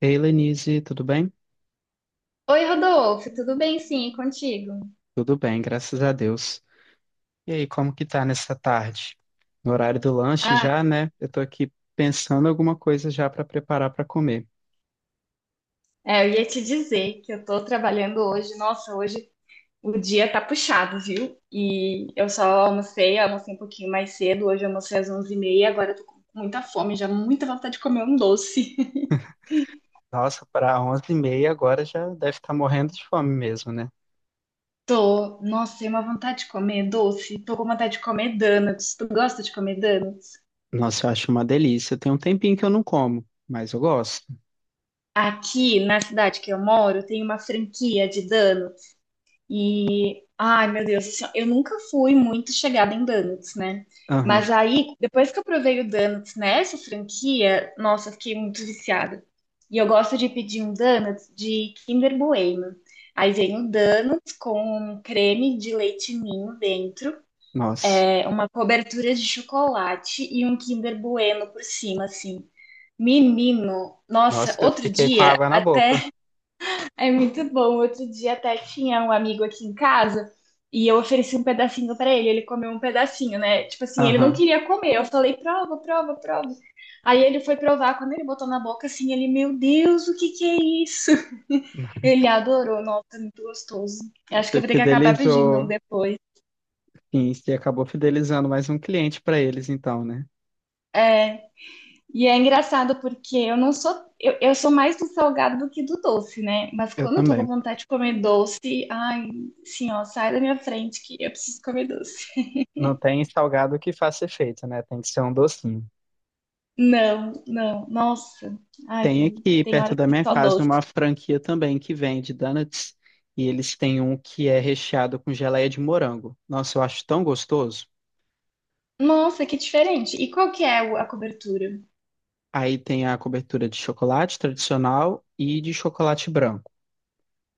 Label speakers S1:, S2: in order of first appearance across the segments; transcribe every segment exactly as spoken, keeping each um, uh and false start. S1: Ei, Lenise, tudo bem?
S2: Oi, Rodolfo, tudo bem? Sim, e contigo?
S1: Tudo bem, graças a Deus. E aí, como que tá nessa tarde? No horário do lanche
S2: Ah,
S1: já, né? Eu tô aqui pensando alguma coisa já para preparar para comer.
S2: é, eu ia te dizer que eu tô trabalhando hoje. Nossa, hoje o dia tá puxado, viu? E eu só almocei, almocei um pouquinho mais cedo. Hoje eu almocei às onze e meia. Agora eu tô com muita fome, já muita vontade de comer um doce.
S1: Nossa, para onze e meia agora já deve estar morrendo de fome mesmo, né?
S2: Tô, nossa, tem uma vontade de comer doce. Tô com vontade de comer donuts. Tu gosta de comer donuts?
S1: Nossa, eu acho uma delícia. Tem um tempinho que eu não como, mas eu gosto.
S2: Aqui na cidade que eu moro, tem uma franquia de donuts. E, ai, meu Deus, assim, ó, eu nunca fui muito chegada em donuts, né? Mas
S1: Aham,
S2: aí, depois que eu provei o donuts nessa franquia, nossa, eu fiquei muito viciada. E eu gosto de pedir um donuts de Kinder Bueno. Aí vem o donuts com creme de leite ninho dentro,
S1: nossa.
S2: é, uma cobertura de chocolate e um Kinder Bueno por cima, assim. Menino, nossa,
S1: Nossa, eu
S2: outro
S1: fiquei com
S2: dia
S1: água na boca.
S2: até é muito bom. Outro dia até tinha um amigo aqui em casa e eu ofereci um pedacinho pra ele. Ele comeu um pedacinho, né? Tipo assim, ele não
S1: Aham.
S2: queria comer. Eu falei, prova, prova, prova. Aí ele foi provar. Quando ele botou na boca, assim, ele, meu Deus, o que que é isso? Ele adorou. Nossa, muito gostoso. Eu acho que
S1: Você
S2: eu vou ter que acabar pedindo um
S1: fidelizou.
S2: depois.
S1: Sim, você acabou fidelizando mais um cliente para eles, então, né?
S2: É. E é engraçado porque eu não sou, eu, eu sou mais do salgado do que do doce, né? Mas
S1: Eu
S2: quando eu tô com
S1: também.
S2: vontade de comer doce, ai, sim, ó, sai da minha frente que eu preciso comer doce.
S1: Não tem salgado que faça efeito, né? Tem que ser um docinho.
S2: Não, não, nossa, ai,
S1: Tem aqui
S2: tem
S1: perto
S2: horas
S1: da
S2: que
S1: minha
S2: só
S1: casa uma
S2: doce.
S1: franquia também que vende donuts e eles têm um que é recheado com geleia de morango. Nossa, eu acho tão gostoso.
S2: Nossa, que diferente. E qual que é o- a cobertura?
S1: Aí tem a cobertura de chocolate tradicional e de chocolate branco.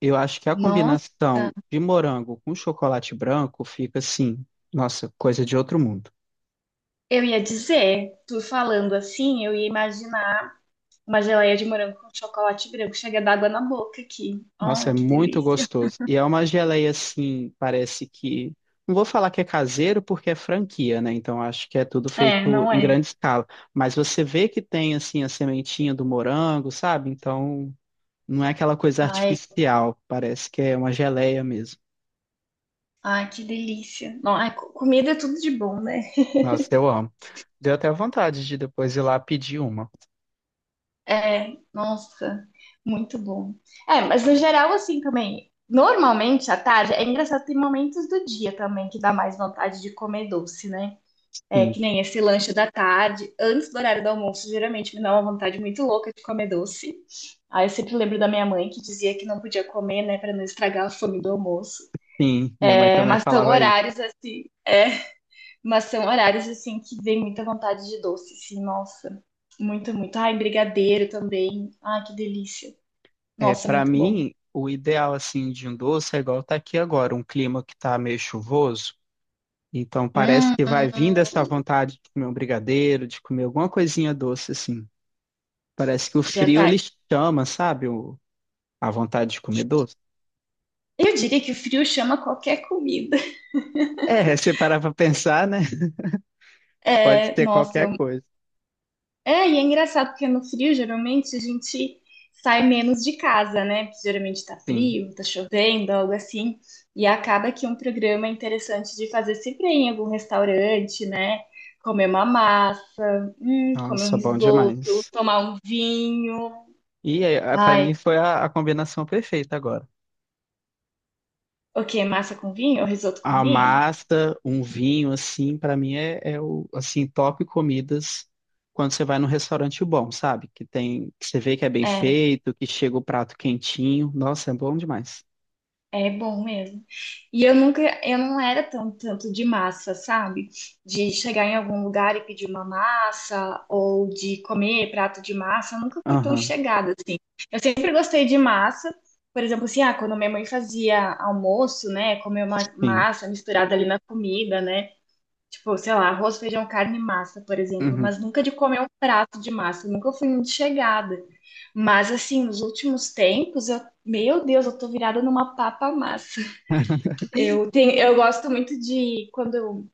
S1: Eu acho que a
S2: Nossa,
S1: combinação de morango com chocolate branco fica assim, nossa, coisa de outro mundo.
S2: eu ia dizer, tu falando assim, eu ia imaginar uma geleia de morango com chocolate branco, chega d'água na boca aqui.
S1: Nossa,
S2: Ai,
S1: é
S2: que
S1: muito
S2: delícia.
S1: gostoso. E é uma geleia assim, parece que. Não vou falar que é caseiro porque é franquia, né? Então acho que é tudo
S2: É,
S1: feito
S2: não
S1: em
S2: é?
S1: grande escala. Mas você vê que tem assim a sementinha do morango, sabe? Então não é aquela coisa
S2: Ai,
S1: artificial. Parece que é uma geleia mesmo.
S2: Ai, que delícia. Não, ai, co- comida é tudo de bom, né?
S1: Nossa, eu amo. Deu até vontade de depois ir lá pedir uma.
S2: É, nossa, muito bom. É, mas no geral, assim também, normalmente à tarde, é engraçado, tem momentos do dia também que dá mais vontade de comer doce, né? É,
S1: Sim,
S2: que nem esse lanche da tarde, antes do horário do almoço, geralmente me dá uma vontade muito louca de comer doce. Aí eu sempre lembro da minha mãe que dizia que não podia comer, né, para não estragar a fome do almoço.
S1: sim. Minha mãe
S2: É,
S1: também
S2: mas são
S1: falava isso.
S2: horários assim. é, Mas são horários assim que vem muita vontade de doce, assim, nossa. Muito, muito. Ai, brigadeiro também. Ai, que delícia.
S1: É,
S2: Nossa,
S1: para
S2: muito bom.
S1: mim, o ideal assim de um doce é igual tá aqui agora, um clima que tá meio chuvoso. Então parece
S2: Hum,
S1: que vai vindo
S2: hum,
S1: essa vontade de comer um brigadeiro, de comer alguma coisinha doce assim. Parece que o frio
S2: verdade.
S1: ele chama, sabe? O- a vontade de comer doce.
S2: Eu diria que o frio chama qualquer comida.
S1: É, se parar pra pensar, né? Pode
S2: É,
S1: ser
S2: nossa, é,
S1: qualquer
S2: um-
S1: coisa.
S2: é, e é engraçado porque no frio geralmente a gente sai menos de casa, né? Porque geralmente tá
S1: Sim.
S2: frio, tá chovendo, algo assim. E acaba que um programa interessante de fazer sempre é em algum restaurante, né? Comer uma massa Hum, comer um
S1: Nossa, bom
S2: risoto,
S1: demais.
S2: tomar um vinho.
S1: E é, para
S2: Ai,
S1: mim foi a, a combinação perfeita agora.
S2: o quê? Massa com vinho? Risoto com
S1: A
S2: vinho?
S1: massa, um vinho, assim, pra mim é, é o, assim, top comidas quando você vai num restaurante bom, sabe? Que tem, que você vê que é bem
S2: É,
S1: feito, que chega o prato quentinho. Nossa, é bom demais.
S2: é bom mesmo. E eu nunca, eu não era tão, tanto de massa, sabe? De chegar em algum lugar e pedir uma massa, ou de comer prato de massa, eu nunca fui tão
S1: Aham,
S2: chegada assim. Eu sempre gostei de massa. Por exemplo, assim, ah, quando minha mãe fazia almoço, né, comer uma
S1: sim.
S2: massa misturada ali na comida, né? Tipo, sei lá, arroz, feijão, carne e massa, por exemplo,
S1: Uhum.
S2: mas nunca de comer um prato de massa, nunca fui muito chegada. Mas assim, nos últimos tempos, eu, meu Deus, eu tô virada numa papa massa. Eu tenho, eu gosto muito de quando eu,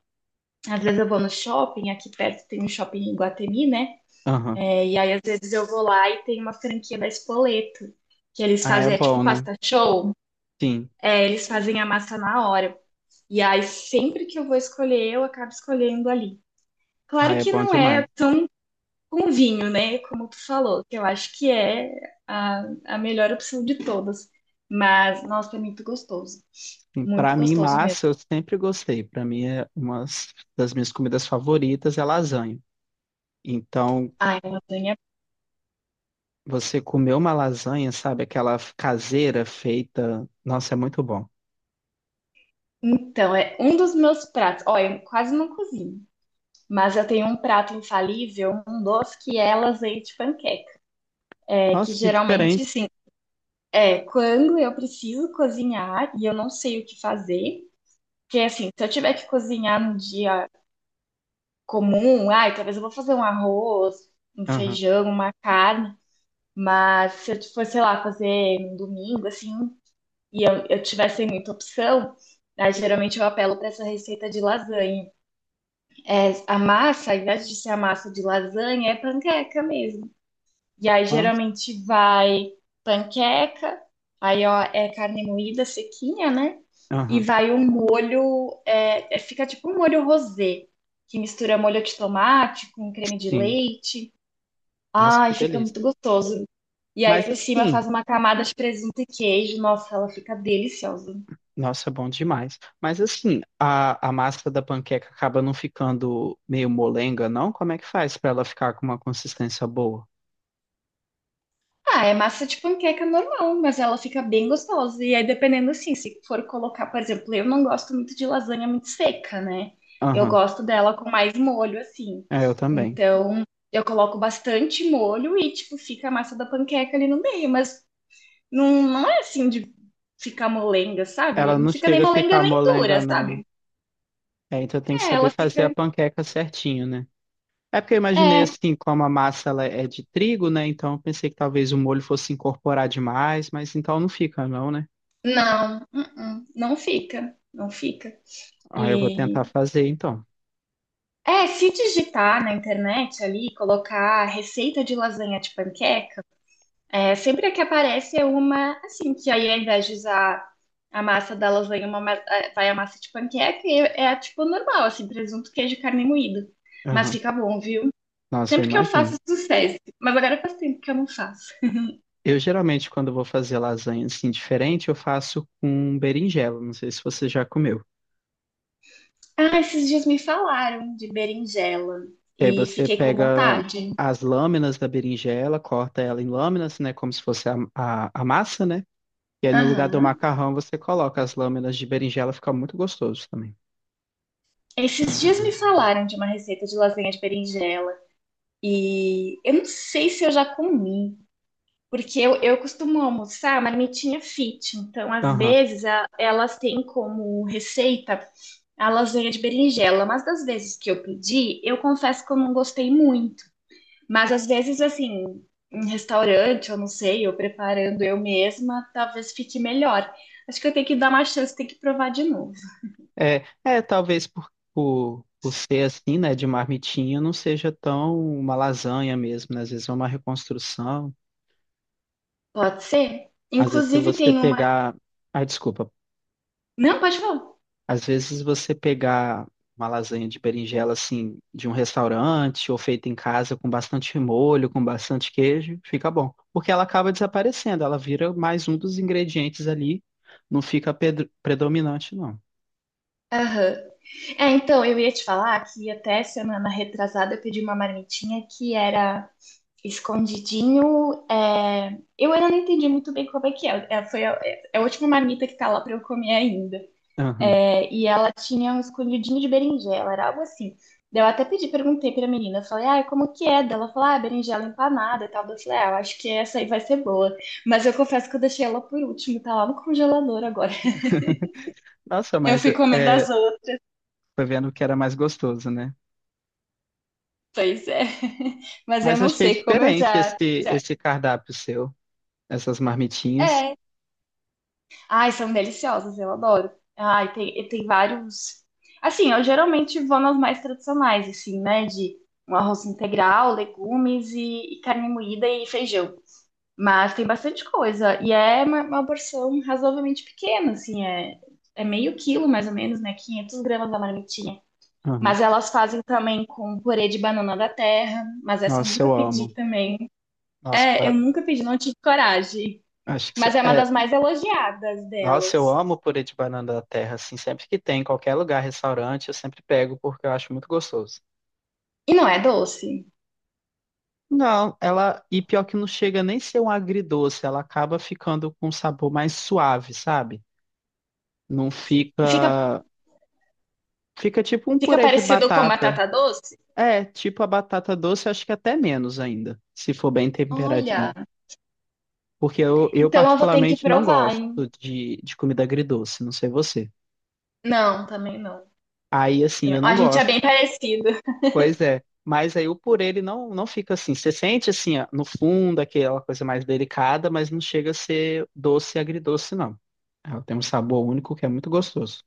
S2: às vezes eu vou no shopping, aqui perto tem um shopping em Guatemi, né?
S1: Aham.
S2: É, e aí às vezes eu vou lá e tem uma franquia da Spoleto, que eles
S1: Ah, é
S2: fazem, é tipo
S1: bom, né?
S2: pasta show,
S1: Sim.
S2: é, eles fazem a massa na hora. E aí sempre que eu vou escolher, eu acabo escolhendo ali.
S1: Ah,
S2: Claro
S1: é
S2: que
S1: bom
S2: não
S1: demais.
S2: é tão com vinho, né? Como tu falou, que eu acho que é a, a melhor opção de todas. Mas, nossa, é muito gostoso.
S1: Sim, pra
S2: Muito
S1: mim,
S2: gostoso mesmo.
S1: massa, eu sempre gostei. Pra mim, é uma das minhas comidas favoritas é lasanha. Então,
S2: Ai, lasanha.
S1: você comer uma lasanha, sabe? Aquela caseira feita. Nossa, é muito bom.
S2: Então, é um dos meus pratos. Olha, eu quase não cozinho. Mas eu tenho um prato infalível, um doce que é lasanha de panqueca. É que
S1: Nossa, que
S2: geralmente,
S1: diferente.
S2: assim, é quando eu preciso cozinhar e eu não sei o que fazer. Porque, assim, se eu tiver que cozinhar num dia comum, ai, talvez eu vou fazer um arroz, um
S1: Aham.
S2: feijão, uma carne, mas se eu for, sei lá, fazer um domingo, assim, e eu, eu tivesse muita opção, né, geralmente eu apelo para essa receita de lasanha. É, a massa, ao invés de ser a massa de lasanha, é panqueca mesmo. E aí
S1: Nossa.
S2: geralmente vai panqueca, aí ó, é carne moída sequinha, né? E
S1: Aham.
S2: vai um molho, é, é- fica tipo um molho rosé, que mistura molho de tomate com creme de
S1: Sim.
S2: leite.
S1: Nossa,
S2: Ai,
S1: que
S2: fica
S1: delícia.
S2: muito gostoso. E aí
S1: Mas
S2: por cima faz
S1: assim,
S2: uma camada de presunto e queijo. Nossa, ela fica deliciosa.
S1: nossa, bom demais. Mas assim, a, a massa da panqueca acaba não ficando meio molenga, não? Como é que faz pra ela ficar com uma consistência boa?
S2: Ah, é massa de panqueca normal, mas ela fica bem gostosa. E aí, dependendo assim, se for colocar, por exemplo, eu não gosto muito de lasanha muito seca, né? Eu
S1: Aham.
S2: gosto dela com mais molho, assim.
S1: É, eu também.
S2: Então, eu coloco bastante molho e, tipo, fica a massa da panqueca ali no meio, mas não, não é assim de ficar molenga, sabe?
S1: Ela
S2: Não
S1: não
S2: fica nem
S1: chega a
S2: molenga
S1: ficar
S2: nem
S1: molenga,
S2: dura,
S1: não, né?
S2: sabe?
S1: É, então tem que
S2: É,
S1: saber
S2: ela
S1: fazer a
S2: fica.
S1: panqueca certinho, né? É porque eu imaginei
S2: É,
S1: assim, como a massa ela é de trigo, né? Então eu pensei que talvez o molho fosse incorporar demais, mas então não fica, não, né?
S2: não, uh-uh, não fica, não fica.
S1: Ah, eu vou
S2: E
S1: tentar fazer então.
S2: É, se digitar na internet ali, colocar receita de lasanha de panqueca, é, sempre a que aparece é uma, assim, que aí ao invés de usar a massa da lasanha, uma, ma- é, vai a massa de panqueca e é, é tipo normal, assim, presunto, queijo, carne moída. Mas
S1: Aham.
S2: fica bom, viu?
S1: Nossa, eu
S2: Sempre que eu faço,
S1: imagino.
S2: sucesso. Mas agora faz tempo que eu não faço.
S1: Eu geralmente, quando vou fazer lasanha assim diferente, eu faço com berinjela. Não sei se você já comeu.
S2: Ah, esses dias me falaram de berinjela
S1: E aí
S2: e
S1: você
S2: fiquei com
S1: pega
S2: vontade.
S1: as lâminas da berinjela, corta ela em lâminas, né? Como se fosse a, a, a massa, né? E aí, no lugar do
S2: Aham.
S1: macarrão, você coloca as lâminas de berinjela, fica muito gostoso também.
S2: Esses dias me falaram de uma receita de lasanha de berinjela. E eu não sei se eu já comi, porque eu, eu costumo almoçar marmitinha fit, então às
S1: Aham.
S2: vezes a- elas têm como receita a lasanha de berinjela, mas das vezes que eu pedi, eu confesso que eu não gostei muito. Mas às vezes, assim, em restaurante, eu não sei, eu preparando eu mesma, talvez fique melhor. Acho que eu tenho que dar uma chance, tenho que provar de novo.
S1: É, é, talvez por, por, por ser assim, né, de marmitinha, não seja tão uma lasanha mesmo, né? Às vezes é uma reconstrução.
S2: Pode ser?
S1: Às vezes, se
S2: Inclusive
S1: você
S2: tem uma.
S1: pegar. Ah, desculpa,
S2: Não, pode falar.
S1: às vezes você pegar uma lasanha de berinjela assim de um restaurante ou feita em casa com bastante molho, com bastante queijo, fica bom, porque ela acaba desaparecendo, ela vira mais um dos ingredientes ali, não fica pedr- predominante não.
S2: Aham. É, então, eu ia te falar que até semana retrasada eu pedi uma marmitinha que era escondidinho. é, Eu ainda não entendi muito bem como é que é. É, foi a, é a última marmita que tá lá pra eu comer ainda.
S1: Aham.
S2: É, e ela tinha um escondidinho de berinjela, era algo assim. Daí eu até pedi, perguntei pra menina, eu falei, ah, como que é? Daí ela falou, ah, berinjela empanada e tal. Daí eu falei, ah, eu acho que essa aí vai ser boa. Mas eu confesso que eu deixei ela por último, tá lá no congelador agora.
S1: Nossa,
S2: Eu
S1: mas
S2: fui comendo as
S1: é,
S2: outras.
S1: foi vendo que era mais gostoso, né?
S2: Pois é. Mas eu
S1: Mas
S2: não
S1: achei
S2: sei como eu
S1: diferente
S2: já,
S1: esse
S2: já...
S1: esse cardápio seu, essas marmitinhas.
S2: É. Ai, são deliciosas, eu adoro. Ai, tem, tem vários. Assim, eu geralmente vou nas mais tradicionais, assim, né? De um arroz integral, legumes e, e carne moída e feijão. Mas tem bastante coisa. E é uma, uma porção razoavelmente pequena, assim, é, é meio quilo, mais ou menos, né? quinhentos gramas da marmitinha.
S1: Aham.
S2: Mas elas fazem também com purê de banana da terra, mas essa eu
S1: Nossa,
S2: nunca
S1: eu
S2: pedi
S1: amo.
S2: também.
S1: Nossa,
S2: É, eu
S1: pa-
S2: nunca pedi, não tive coragem.
S1: acho que isso
S2: Mas é uma
S1: é
S2: das mais elogiadas
S1: nossa, eu
S2: delas.
S1: amo purê de banana da terra, assim, sempre que tem, em qualquer lugar, restaurante, eu sempre pego porque eu acho muito gostoso.
S2: E não é doce.
S1: Não, ela, e pior que não chega nem ser um agridoce, ela acaba ficando com um sabor mais suave, sabe? Não
S2: Fica,
S1: fica, fica tipo um
S2: fica
S1: purê de
S2: parecido com
S1: batata.
S2: batata doce?
S1: É, tipo a batata doce, acho que até menos ainda, se for bem
S2: Olha,
S1: temperadinho. Porque eu, eu
S2: então eu vou ter que
S1: particularmente não
S2: provar,
S1: gosto
S2: hein?
S1: de, de comida agridoce, não sei você.
S2: Não, também não.
S1: Aí, assim,
S2: Também-
S1: eu não
S2: A gente é
S1: gosto.
S2: bem parecido.
S1: Pois é, mas aí o purê ele não, não fica assim. Você sente assim, ó, no fundo, aquela coisa mais delicada, mas não chega a ser doce e agridoce, não. Ela tem um sabor único que é muito gostoso.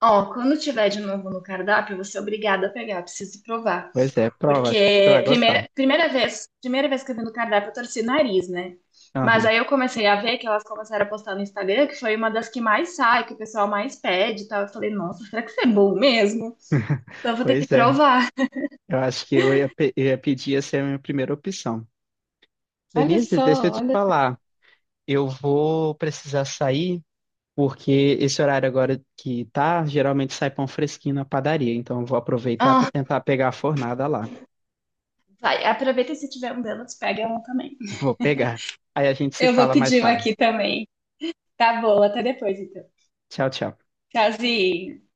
S2: Ó, quando tiver de novo no cardápio, você é obrigada a pegar, preciso provar.
S1: Pois é, prova, acho que você vai
S2: Porque
S1: gostar.
S2: primeira, primeira vez, primeira vez que eu vi no cardápio, eu torci o nariz, né? Mas
S1: Aham,
S2: aí eu comecei a ver que elas começaram a postar no Instagram, que foi uma das que mais sai, que o pessoal mais pede e tal. Eu falei, nossa, será que isso é bom mesmo? Então eu vou ter que
S1: pois é,
S2: provar.
S1: eu acho que eu ia, pe- eu ia pedir essa é a minha primeira opção.
S2: Olha
S1: Denise, deixa eu
S2: só,
S1: te
S2: olha só.
S1: falar, eu vou precisar sair, porque esse horário agora que tá, geralmente sai pão fresquinho na padaria, então eu vou aproveitar para
S2: Ah,
S1: tentar pegar a fornada lá.
S2: vai, aproveita e se tiver um delas, pega um também.
S1: Vou pegar. Aí a gente se
S2: Eu vou
S1: fala mais
S2: pedir um
S1: tarde.
S2: aqui também. Tá bom, até depois então.
S1: Tchau, tchau.
S2: Tchauzinho.